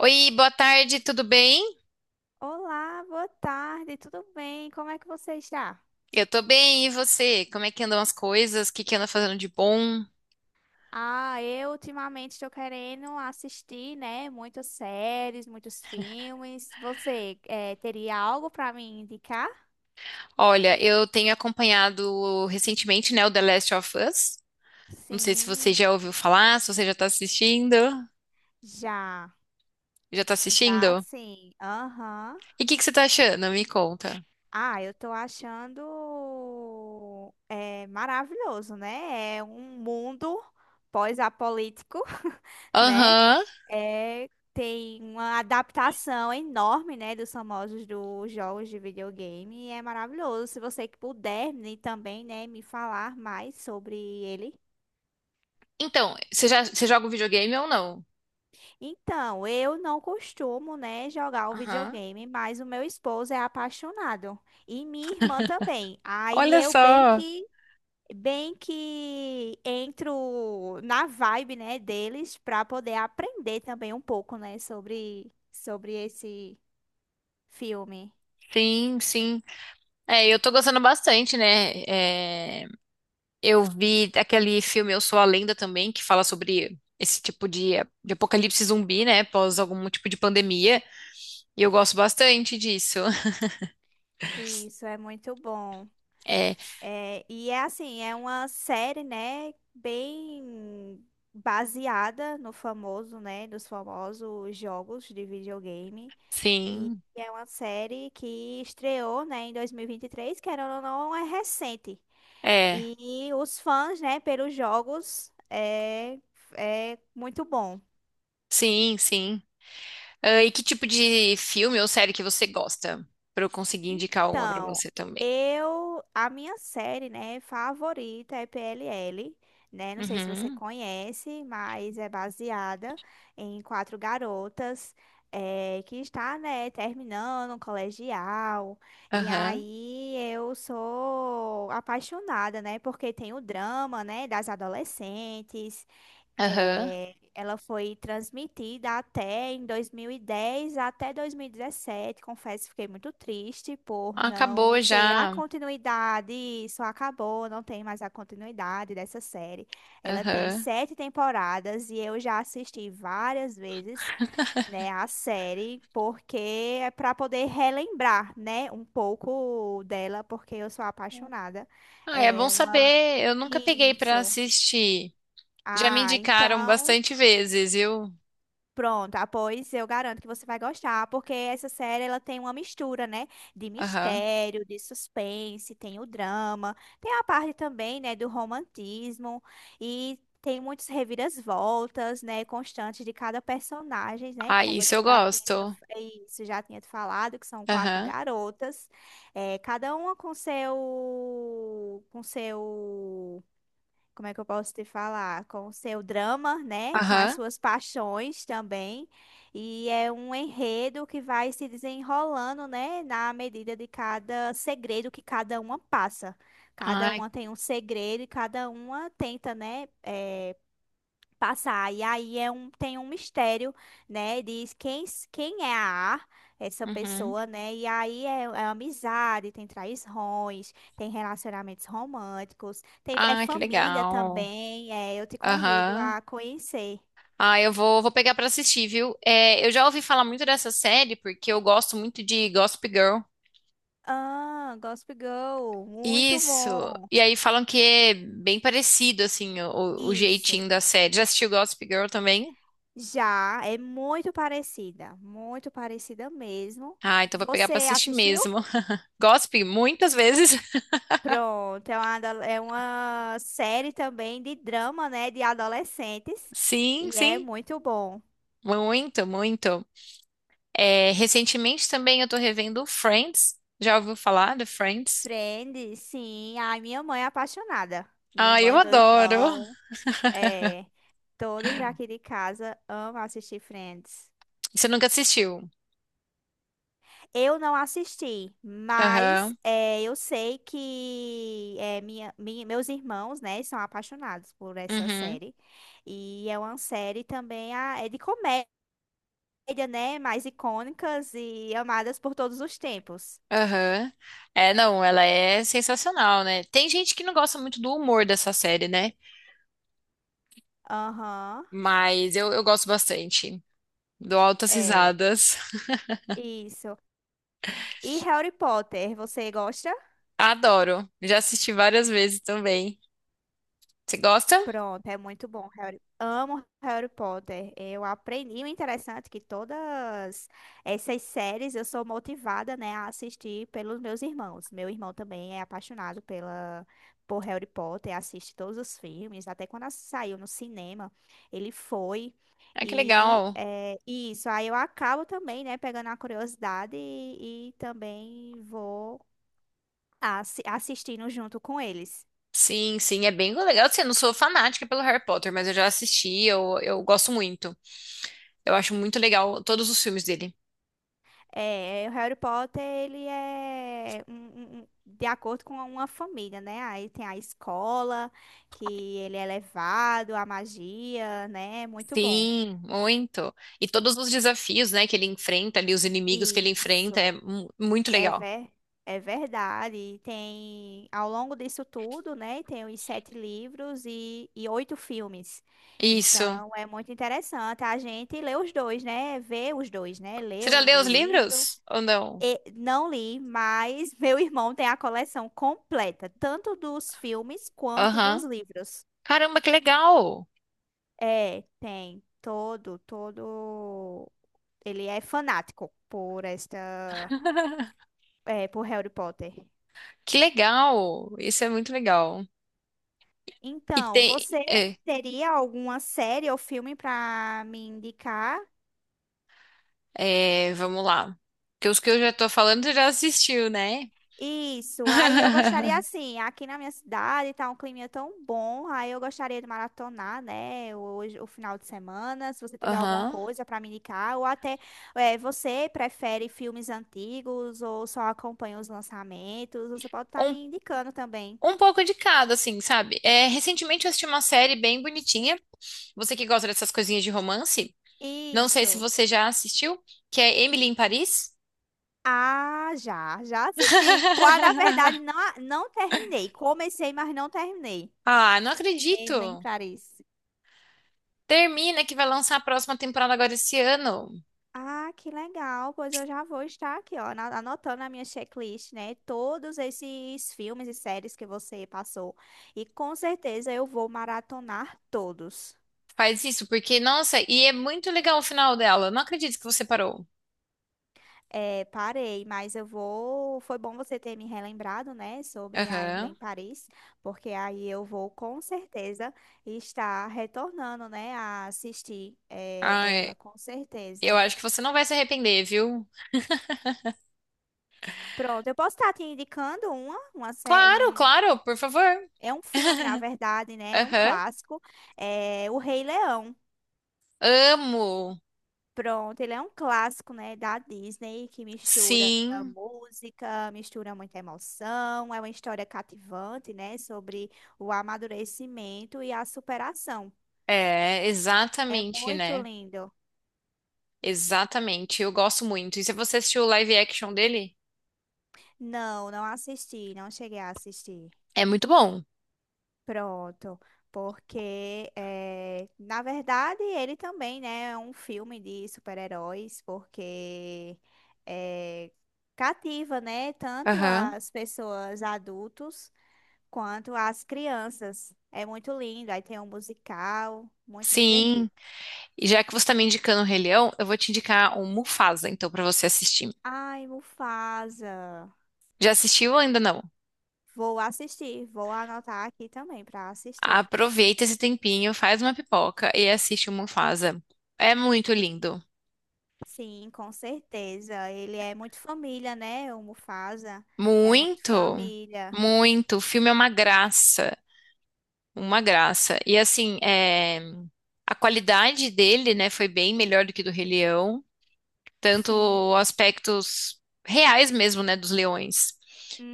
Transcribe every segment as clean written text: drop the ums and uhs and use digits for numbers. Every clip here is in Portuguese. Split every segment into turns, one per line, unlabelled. Oi, boa tarde, tudo bem?
Olá, boa tarde, tudo bem? Como é que você está?
Eu tô bem, e você? Como é que andam as coisas? O que que anda fazendo de bom?
Ah, eu ultimamente estou querendo assistir, né, muitas séries, muitos filmes. Você teria algo para me indicar?
Olha, eu tenho acompanhado recentemente, né, o The Last of Us. Não sei se você
Sim,
já ouviu falar, se você já tá assistindo.
já,
Já tá
já
assistindo?
sim. Aham.
E o que que você tá achando? Me conta.
Ah, eu tô achando maravilhoso, né? É um mundo pós-apolítico, né?
Aham.
É, tem uma adaptação enorme, né, dos famosos dos jogos de videogame e é maravilhoso. Se você que puder me também, né, me falar mais sobre ele.
Então, você joga um videogame ou não?
Então, eu não costumo, né, jogar o
Aham.
videogame, mas o meu esposo é apaixonado e minha irmã também. Aí
Olha
eu bem
só.
que Bem que entro na vibe, né, deles para poder aprender também um pouco, né, sobre esse filme.
Sim, sim. É, eu tô gostando bastante, né? É, eu vi aquele filme Eu Sou a Lenda também, que fala sobre de apocalipse zumbi, né? Após algum tipo de pandemia. E eu gosto bastante disso.
Isso é muito bom.
É,
É, e é assim, é uma série, né, bem baseada no famoso, né, dos famosos jogos de videogame. E
sim.
é uma série que estreou, né, em 2023, que era ou não, é recente.
É,
E os fãs, né, pelos jogos é muito bom.
sim, sim. Ah, e que tipo de filme ou série que você gosta? Pra eu conseguir indicar uma pra
Então,
você também.
a minha série, né, favorita é PLL, né? Não sei se você
Uhum.
conhece, mas é baseada em quatro garotas que está, né, terminando o colegial. E
Aham.
aí eu sou apaixonada, né? Porque tem o drama, né, das adolescentes,
Aham.
ela foi transmitida até em 2010 até 2017. Confesso, que fiquei muito triste por
Acabou
não ter a
já.
continuidade. Isso acabou, não tem mais a continuidade dessa série. Ela tem
Aham.
sete temporadas e eu já assisti várias vezes, né, a série, porque é para poder relembrar, né, um pouco dela, porque eu sou apaixonada.
Ah, é bom
É uma...
saber. Eu nunca peguei pra
Isso.
assistir. Já me
Ah,
indicaram
então
bastante vezes, viu?
Pronto, pois eu garanto que você vai gostar, porque essa série ela tem uma mistura, né, de
Aham.
mistério, de suspense, tem o drama, tem a parte também, né, do romantismo e tem muitas reviravoltas, né, constantes de cada personagem, né,
Ah,
como eu
isso eu
já tinha
gosto.
é isso, já tinha te falado, que são quatro
Aham,
garotas, cada uma com seu como é que eu posso te falar? Com o seu drama, né? Com as
aham.
suas paixões também. E é um enredo que vai se desenrolando, né? Na medida de cada segredo que cada uma passa. Cada
Ai,
uma tem um segredo e cada uma tenta, né? Passar. E aí tem um mistério, né? Diz quem, quem é a A, essa
uhum.
pessoa, né? E aí é amizade, tem traições, tem relacionamentos românticos, tem, é
Ah, que
família
legal.
também. É, eu te convido
Aham.
a conhecer.
Ah, vou pegar pra assistir, viu? É, eu já ouvi falar muito dessa série porque eu gosto muito de Gossip Girl.
Ah, Gossip Girl, muito
Isso.
bom.
E aí falam que é bem parecido, assim, o
Isso.
jeitinho da série. Já assistiu Gossip Girl também?
Já é muito parecida mesmo.
Ah, então vou pegar
Você
pra assistir
assistiu?
mesmo. Gossip muitas vezes.
Pronto, é uma série também de drama, né, de adolescentes.
Sim,
E é
sim.
muito bom.
Muito, muito. É, recentemente também eu tô revendo Friends. Já ouviu falar de Friends?
Friends, sim. Ai, minha mãe é apaixonada. Minha
Ah, eu
mãe, meu
adoro.
irmão, é, todos já aqui de casa amam assistir Friends.
Você nunca assistiu?
Eu não assisti, mas
Aham,
eu sei que meus irmãos, né, são apaixonados por essa
uhum,
série. E é uma série também é de comédia. Comédia, né? Mais icônicas e amadas por todos os tempos.
aham. É, não, ela é sensacional, né? Tem gente que não gosta muito do humor dessa série, né?
Aham,
Mas eu gosto bastante. Dou altas
é.
risadas.
Isso. E Harry Potter, você gosta?
Adoro. Já assisti várias vezes também. Você gosta?
Pronto, é muito bom. Harry. Amo Harry Potter. Eu aprendi o interessante é que todas essas séries eu sou motivada, né, a assistir pelos meus irmãos. Meu irmão também é apaixonado pela por Harry Potter, assiste todos os filmes, até quando saiu no cinema, ele foi.
Ah, que
E
legal.
e isso, aí eu acabo também, né, pegando a curiosidade e também vou assistindo junto com eles.
Sim, sim, é bem legal. Assim, eu não sou fanática pelo Harry Potter, mas eu já assisti, eu gosto muito. Eu acho muito legal todos os filmes dele.
É, é, o Harry Potter, ele é de acordo com uma família, né? Aí tem a escola, que ele é levado, a magia, né? Muito bom.
Sim, muito. E todos os desafios, né, que ele enfrenta ali, os inimigos que ele enfrenta, é
Isso,
muito
é,
legal.
ver, é verdade. E tem, ao longo disso tudo, né? Tem os sete livros e oito filmes.
Isso.
Então, é muito interessante. A gente lê os dois, né? Vê os dois, né? Lê
Você
o
já leu
o
os
livro.
livros? Ou não?
Não li, mas meu irmão tem a coleção completa, tanto dos filmes quanto dos
Aham.
livros.
Caramba, que legal!
É, tem todo, todo. Ele é fanático por esta, por Harry Potter.
Que legal! Isso é muito legal. E
Então,
tem.
você
É,
teria alguma série ou filme para me indicar?
é, vamos lá. Porque os que eu já tô falando, você já assistiu, né?
Isso, aí eu gostaria assim, aqui na minha cidade tá um clima tão bom, aí eu gostaria de maratonar, né, hoje, o final de semana, se você tiver alguma
Aham.
coisa para me indicar, ou até você prefere filmes antigos ou só acompanha os lançamentos, você pode estar me indicando também.
Um pouco de cada, assim, sabe? É, recentemente eu assisti uma série bem bonitinha. Você que gosta dessas coisinhas de romance, não sei se
Isso.
você já assistiu, que é Emily em Paris.
Ah, já, já assisti. Na verdade, não, não terminei. Comecei, mas não terminei.
Ah, não acredito.
Emily Paris.
Termina que vai lançar a próxima temporada agora esse ano.
Ah, que legal. Pois eu já vou estar aqui, ó, anotando na minha checklist, né? Todos esses filmes e séries que você passou. E com certeza eu vou maratonar todos.
Faz isso, porque, nossa, e é muito legal o final dela. Não acredito que você parou.
É, parei, mas eu vou. Foi bom você ter me relembrado, né, sobre a Emily em
Aham.
Paris, porque aí eu vou com certeza estar retornando, né, a assistir
Ai,
ela, com
eu
certeza.
acho que você não vai se arrepender, viu?
Pronto, eu posso estar te indicando uma série.
Claro, claro, por favor.
É um filme, na verdade, né? É um
Aham.
clássico. É O Rei Leão.
Amo.
Pronto, ele é um clássico, né, da Disney que mistura
Sim.
música, mistura muita emoção, é uma história cativante, né, sobre o amadurecimento e a superação.
É,
É
exatamente,
muito
né?
lindo.
Exatamente. Eu gosto muito. E se você assistiu o live action dele,
Não, não assisti, não cheguei a assistir.
é muito bom.
Pronto, porque na verdade ele também, né, é um filme de super-heróis, porque eh, cativa, né, tanto
Aham.
as pessoas adultos quanto as crianças. É muito lindo, aí tem um musical, muito divertido.
Sim. E já que você tá me indicando o Rei Leão, eu vou te indicar o Mufasa, então, pra você assistir.
Ai, Mufasa,
Já assistiu ou ainda não?
vou assistir, vou anotar aqui também para assistir.
Aproveita esse tempinho, faz uma pipoca e assiste o Mufasa. É muito lindo.
Sim, com certeza. Ele é muito família, né? O Mufasa é muito
Muito,
família.
muito. O filme é uma graça. Uma graça. E assim, é... A qualidade dele, né, foi bem melhor do que do Rei Leão,
Sim.
tanto aspectos reais mesmo, né, dos leões.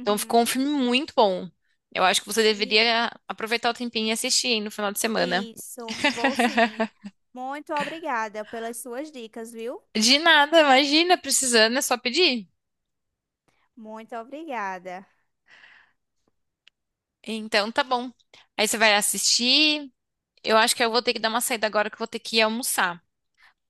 Então ficou um filme muito bom. Eu acho que você
E
deveria aproveitar o tempinho e assistir hein, no final de semana.
isso, vou sim. Muito obrigada pelas suas dicas, viu?
De nada, imagina, precisando, é só pedir.
Muito obrigada.
Então tá bom. Aí você vai assistir. Eu acho que eu vou ter que dar uma saída agora que eu vou ter que ir almoçar.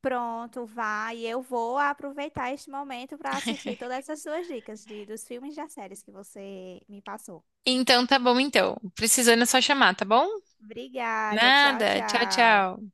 Pronto, vai. Eu vou aproveitar este momento para assistir todas essas suas dicas dos filmes e das séries que você me passou.
Então tá bom, então. Precisando é só chamar, tá bom?
Obrigada. Tchau,
Nada. Tchau,
tchau.
tchau.